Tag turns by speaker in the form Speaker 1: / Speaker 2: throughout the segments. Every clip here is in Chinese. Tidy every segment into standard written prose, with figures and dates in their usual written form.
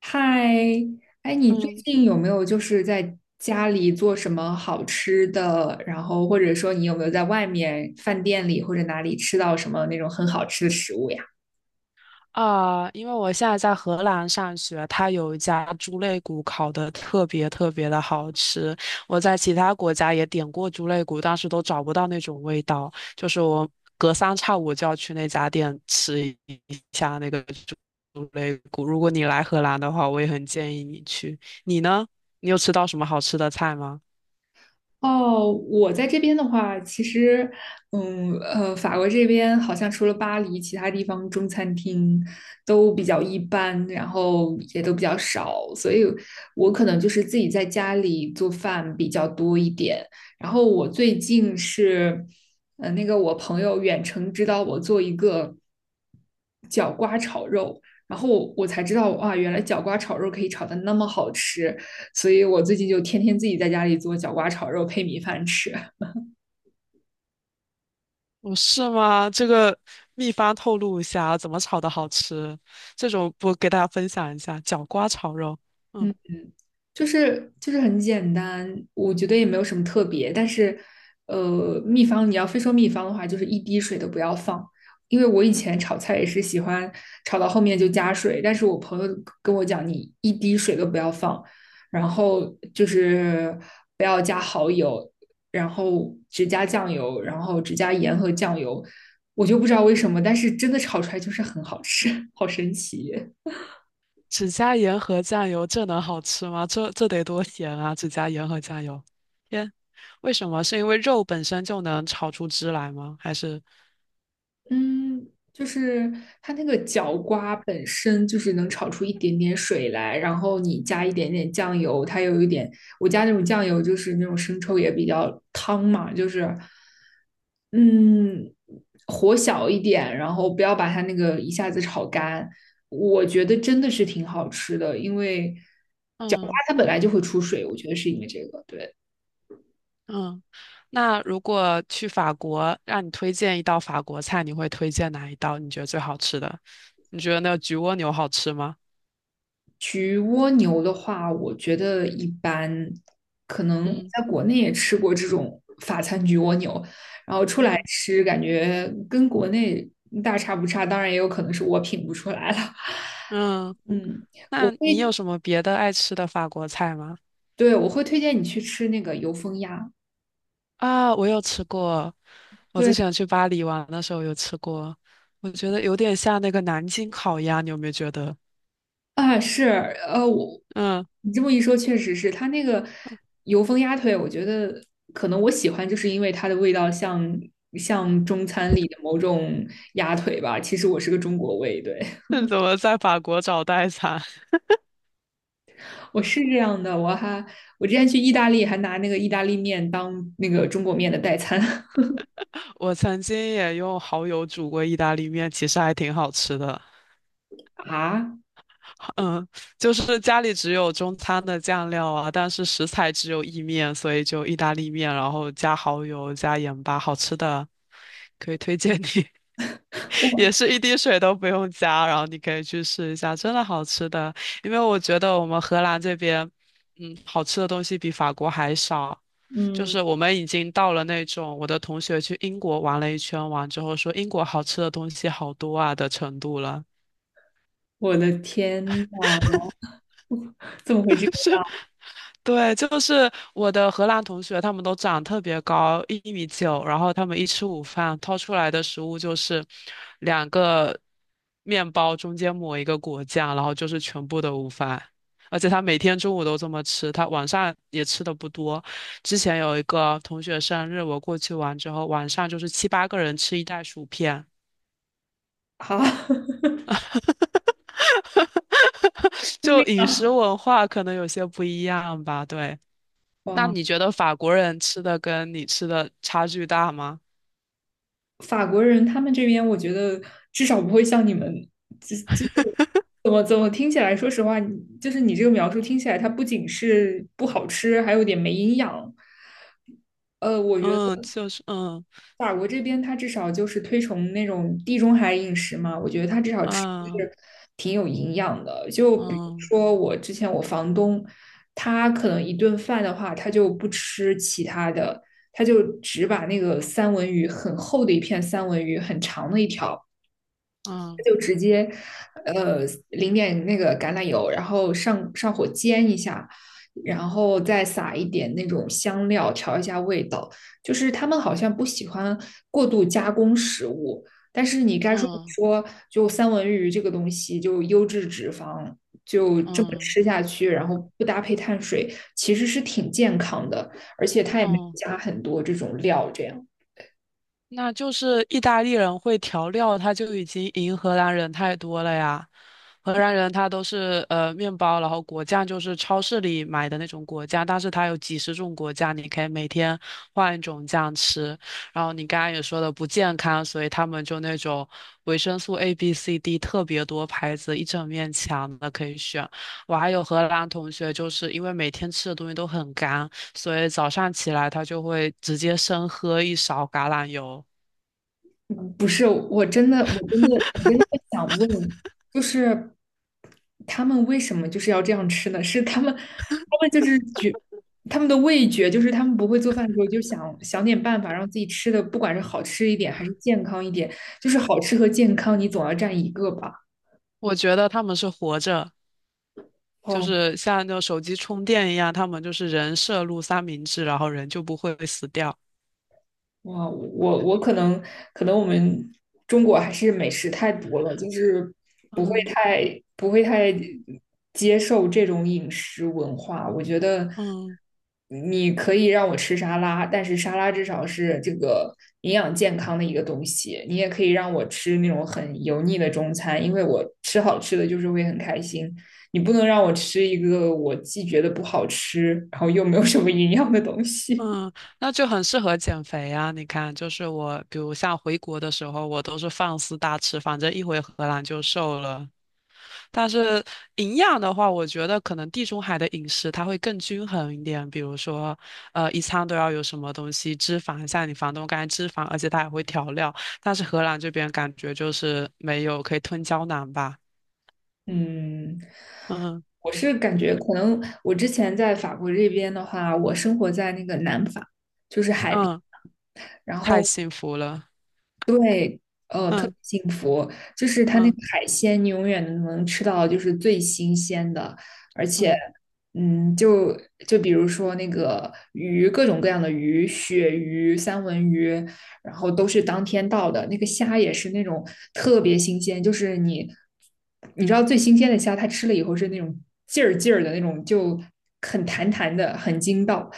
Speaker 1: 嗨，哎，你最
Speaker 2: 嗯
Speaker 1: 近有没有在家里做什么好吃的？然后或者说你有没有在外面饭店里或者哪里吃到什么那种很好吃的食物呀？
Speaker 2: 啊，因为我现在在荷兰上学，它有一家猪肋骨烤得特别特别的好吃。我在其他国家也点过猪肋骨，但是都找不到那种味道。就是我隔三差五就要去那家店吃一下那个猪肋骨。如果你来荷兰的话，我也很建议你去。你呢？你有吃到什么好吃的菜吗？
Speaker 1: 哦，我在这边的话，其实，法国这边好像除了巴黎，其他地方中餐厅都比较一般，然后也都比较少，所以我可能就是自己在家里做饭比较多一点。然后我最近是，那个我朋友远程指导我做一个角瓜炒肉，然后我才知道，哇，原来角瓜炒肉可以炒的那么好吃。所以我最近就天天自己在家里做角瓜炒肉配米饭吃。
Speaker 2: 哦，是吗？这个秘方透露一下啊，怎么炒的好吃？这种不给大家分享一下，角瓜炒肉。嗯，
Speaker 1: 嗯，就是很简单，我觉得也没有什么特别。但是，秘方你要非说秘方的话，就是一滴水都不要放。因为我以前炒菜也是喜欢炒到后面就加水，但是我朋友跟我讲，你一滴水都不要放，然后就是不要加蚝油，然后只加酱油，然后只加盐和酱油。我就不知道为什么，但是真的炒出来就是很好吃，好神奇。
Speaker 2: 只加盐和酱油，这能好吃吗？这得多咸啊！只加盐和酱油，天，为什么？是因为肉本身就能炒出汁来吗？还是？
Speaker 1: 嗯，就是它那个角瓜本身就是能炒出一点点水来，然后你加一点点酱油，它有一点，我加那种酱油就是那种生抽也比较汤嘛，就是嗯，火小一点，然后不要把它那个一下子炒干，我觉得真的是挺好吃的，因为角瓜
Speaker 2: 嗯
Speaker 1: 它本来就会出水，我觉得是因为这个，对。
Speaker 2: 嗯，那如果去法国，让你推荐一道法国菜，你会推荐哪一道？你觉得最好吃的？你觉得那个焗蜗牛好吃吗？
Speaker 1: 焗蜗牛的话，我觉得一般，可能
Speaker 2: 嗯
Speaker 1: 在国内也吃过这种法餐焗蜗牛，然后出来
Speaker 2: 嗯
Speaker 1: 吃感觉跟国内大差不差，当然也有可能是我品不出来了。
Speaker 2: 嗯。
Speaker 1: 嗯，我
Speaker 2: 那你
Speaker 1: 会，
Speaker 2: 有什么别的爱吃的法国菜吗？
Speaker 1: 对，我会推荐你去吃那个油封鸭。
Speaker 2: 啊，我有吃过，我之
Speaker 1: 对，
Speaker 2: 前去巴黎玩的时候有吃过，我觉得有点像那个南京烤鸭，你有没有觉得？
Speaker 1: 啊，是，呃，我
Speaker 2: 嗯，
Speaker 1: 你这么一说，确实是它那个油封鸭腿，我觉得可能我喜欢，就是因为它的味道像中餐里的某种鸭腿吧。其实我是个中国胃，对，
Speaker 2: 那怎么在法国找代餐？
Speaker 1: 我是这样的。我之前去意大利还拿那个意大利面当那个中国面的代餐
Speaker 2: 我曾经也用蚝油煮过意大利面，其实还挺好吃的。
Speaker 1: 啊，
Speaker 2: 嗯，就是家里只有中餐的酱料啊，但是食材只有意面，所以就意大利面，然后加蚝油加盐巴，好吃的，可以推荐你。
Speaker 1: 我
Speaker 2: 也是一滴水都不用加，然后你可以去试一下，真的好吃的。因为我觉得我们荷兰这边，嗯，好吃的东西比法国还少。就
Speaker 1: 嗯，
Speaker 2: 是我们已经到了那种我的同学去英国玩了一圈，玩之后说英国好吃的东西好多啊的程度了。
Speaker 1: 我的天呐，怎么会这 样？
Speaker 2: 对，就是我的荷兰同学，他们都长特别高，1.9米，然后他们一吃午饭，掏出来的食物就是两个面包，中间抹一个果酱，然后就是全部的午饭。而且他每天中午都这么吃，他晚上也吃的不多。之前有一个同学生日，我过去玩之后，晚上就是七八个人吃一袋薯片，
Speaker 1: 好，
Speaker 2: 就饮食文化可能有些不一样吧。对，那
Speaker 1: 哇。
Speaker 2: 你觉得法国人吃的跟你吃的差距大吗？
Speaker 1: 法国人他们这边，我觉得至少不会像你们，这这怎么怎么听起来，说实话，你就是你这个描述听起来，它不仅是不好吃，还有点没营养。我觉
Speaker 2: 嗯，
Speaker 1: 得
Speaker 2: 就是嗯
Speaker 1: 法国这边它至少就是推崇那种地中海饮食嘛，我觉得它至少吃的
Speaker 2: 嗯
Speaker 1: 是挺有营养的。就比如
Speaker 2: 嗯
Speaker 1: 说我之前我房东，他可能一顿饭的话，他就不吃其他的，他就只把那个三文鱼很厚的一片三文鱼，很长的一条。
Speaker 2: 嗯
Speaker 1: 就直接呃淋点那个橄榄油，然后上火煎一下，然后再撒一点那种香料调一下味道。就是他们好像不喜欢过度加工食物，但是你该说不
Speaker 2: 嗯
Speaker 1: 说，就三文鱼这个东西，就优质脂肪。就这么
Speaker 2: 嗯
Speaker 1: 吃下去，然后不搭配碳水，其实是挺健康的，而且它也没
Speaker 2: 嗯，
Speaker 1: 加很多这种料，这样。
Speaker 2: 那就是意大利人会调料，他就已经赢荷兰人太多了呀。荷兰人他都是面包，然后果酱就是超市里买的那种果酱，但是它有几十种果酱，你可以每天换一种酱吃。然后你刚刚也说的不健康，所以他们就那种维生素 A、B、C、D 特别多牌子，一整面墙的可以选。我还有荷兰同学，就是因为每天吃的东西都很干，所以早上起来他就会直接生喝一勺橄榄油。
Speaker 1: 不是，我真的会想问，就是他们为什么就是要这样吃呢？他们就是觉，他们的味觉就是他们不会做饭的时候就想点办法让自己吃的，不管是好吃一点还是健康一点，就是好吃和健康你总要占一个吧。
Speaker 2: 我觉得他们是活着。就
Speaker 1: 哦，
Speaker 2: 是像那种手机充电一样，他们就是人摄入三明治，然后人就不会死掉。
Speaker 1: 哇，我可能我们中国还是美食太多了，就是
Speaker 2: 嗯
Speaker 1: 不会太接受这种饮食文化。我觉得
Speaker 2: 嗯
Speaker 1: 你可以让我吃沙拉，但是沙拉至少是这个营养健康的一个东西。你也可以让我吃那种很油腻的中餐，因为我吃好吃的就是会很开心。你不能让我吃一个我既觉得不好吃，然后又没有什么营养的东西。
Speaker 2: 嗯，那就很适合减肥啊！你看，就是我，比如像回国的时候，我都是放肆大吃，反正一回荷兰就瘦了。但是营养的话，我觉得可能地中海的饮食它会更均衡一点，比如说，一餐都要有什么东西，脂肪，像你房东刚才脂肪，而且它也会调料。但是荷兰这边感觉就是没有，可以吞胶囊吧。
Speaker 1: 嗯。
Speaker 2: 嗯。
Speaker 1: 我是感觉可能我之前在法国这边的话，我生活在那个南法，就是海边，
Speaker 2: 嗯，
Speaker 1: 然
Speaker 2: 太
Speaker 1: 后
Speaker 2: 幸福了。
Speaker 1: 对，特
Speaker 2: 嗯
Speaker 1: 别幸福，就是它那个
Speaker 2: 嗯
Speaker 1: 海鲜，你永远能吃到就是最新鲜的，而且，
Speaker 2: 嗯
Speaker 1: 嗯，就就比如说那个鱼，各种各样的鱼，鳕鱼、三文鱼，然后都是当天到的。那个虾也是那种特别新鲜，你知道最新鲜的虾，它吃了以后是那种劲儿劲儿的那种，就很弹弹的，很筋道。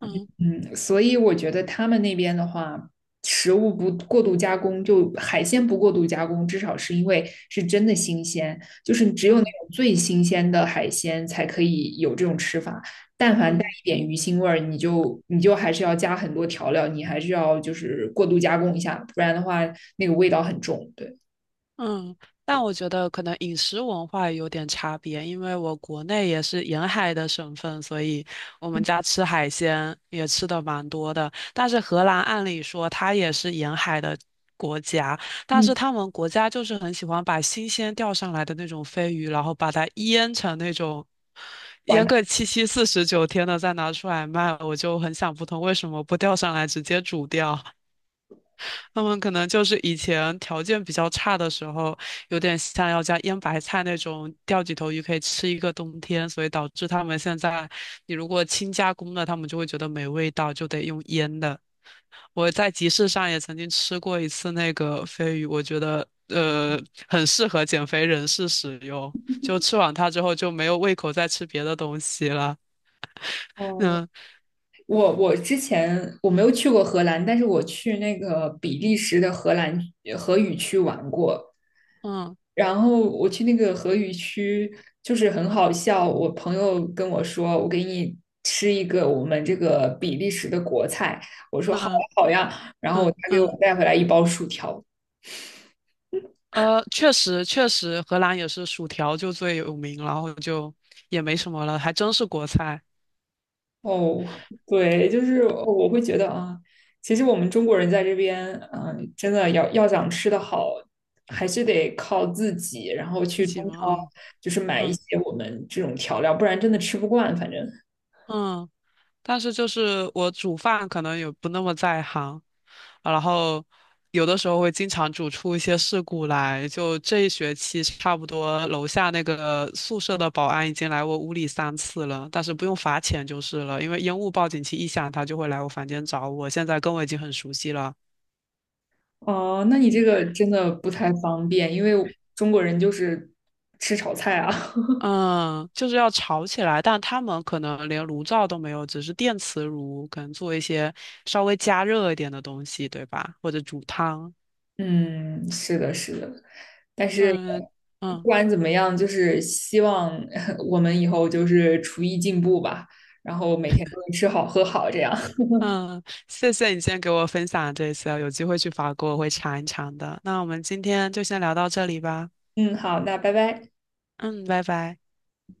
Speaker 2: 嗯
Speaker 1: 嗯,所以我觉得他们那边的话。食物不过度加工，就海鲜不过度加工，至少是因为是真的新鲜，就是只有那
Speaker 2: 嗯
Speaker 1: 种最新鲜的海鲜才可以有这种吃法。但凡带
Speaker 2: 嗯。
Speaker 1: 一点鱼腥味儿，你就还是要加很多调料，你还是要就是过度加工一下，不然的话那个味道很重。对，
Speaker 2: 嗯，但我觉得可能饮食文化有点差别，因为我国内也是沿海的省份，所以我们家吃海鲜也吃的蛮多的。但是荷兰按理说它也是沿海的国家，但是
Speaker 1: 嗯，
Speaker 2: 他们国家就是很喜欢把新鲜钓上来的那种飞鱼，然后把它腌成那种腌
Speaker 1: 管
Speaker 2: 个七七四十九天的再拿出来卖，我就很想不通为什么不钓上来直接煮掉。他们可能就是以前条件比较差的时候，有点像要加腌白菜那种钓几头鱼可以吃一个冬天，所以导致他们现在，你如果轻加工的，他们就会觉得没味道，就得用腌的。我在集市上也曾经吃过一次那个飞鱼，我觉得很适合减肥人士使用，就吃完它之后就没有胃口再吃别的东西了。
Speaker 1: 哦，
Speaker 2: 嗯
Speaker 1: 我之前我没有去过荷兰，但是我去那个比利时的荷兰荷语区玩过。
Speaker 2: 嗯
Speaker 1: 然后我去那个荷语区，就是很好笑。我朋友跟我说，我给你吃一个我们这个比利时的国菜。我说好呀
Speaker 2: 嗯
Speaker 1: 好呀。然后
Speaker 2: 嗯
Speaker 1: 他给我
Speaker 2: 嗯。
Speaker 1: 带回来一包薯条，
Speaker 2: 确实确实，荷兰也是薯条就最有名，然后就也没什么了，还真是国菜，
Speaker 1: 哦，对，就是我会觉得啊，其实我们中国人在这边，嗯、真的要想吃得好，还是得靠自己，然后
Speaker 2: 自
Speaker 1: 去中
Speaker 2: 己
Speaker 1: 超
Speaker 2: 嘛，
Speaker 1: 就是买一
Speaker 2: 嗯
Speaker 1: 些我们这种调料，不然真的吃不惯。反正，
Speaker 2: 嗯嗯。但是就是我煮饭可能也不那么在行，啊然后有的时候会经常煮出一些事故来。就这一学期，差不多楼下那个宿舍的保安已经来我屋里三次了，但是不用罚钱就是了，因为烟雾报警器一响，他就会来我房间找我。现在跟我已经很熟悉了。
Speaker 1: 哦、那你这个真的不太方便，因为中国人就是吃炒菜啊。
Speaker 2: 嗯，就是要炒起来，但他们可能连炉灶都没有，只是电磁炉，可能做一些稍微加热一点的东西，对吧？或者煮汤，
Speaker 1: 嗯，是的，是的。但
Speaker 2: 就
Speaker 1: 是
Speaker 2: 是
Speaker 1: 不
Speaker 2: 嗯
Speaker 1: 管怎么样，就是希望 我们以后就是厨艺进步吧，然后每天都能吃好喝好这样。
Speaker 2: 嗯，谢谢你今天给我分享这些，有机会去法国我会尝一尝的。那我们今天就先聊到这里吧，
Speaker 1: 嗯，好，那拜拜。
Speaker 2: 嗯，拜拜。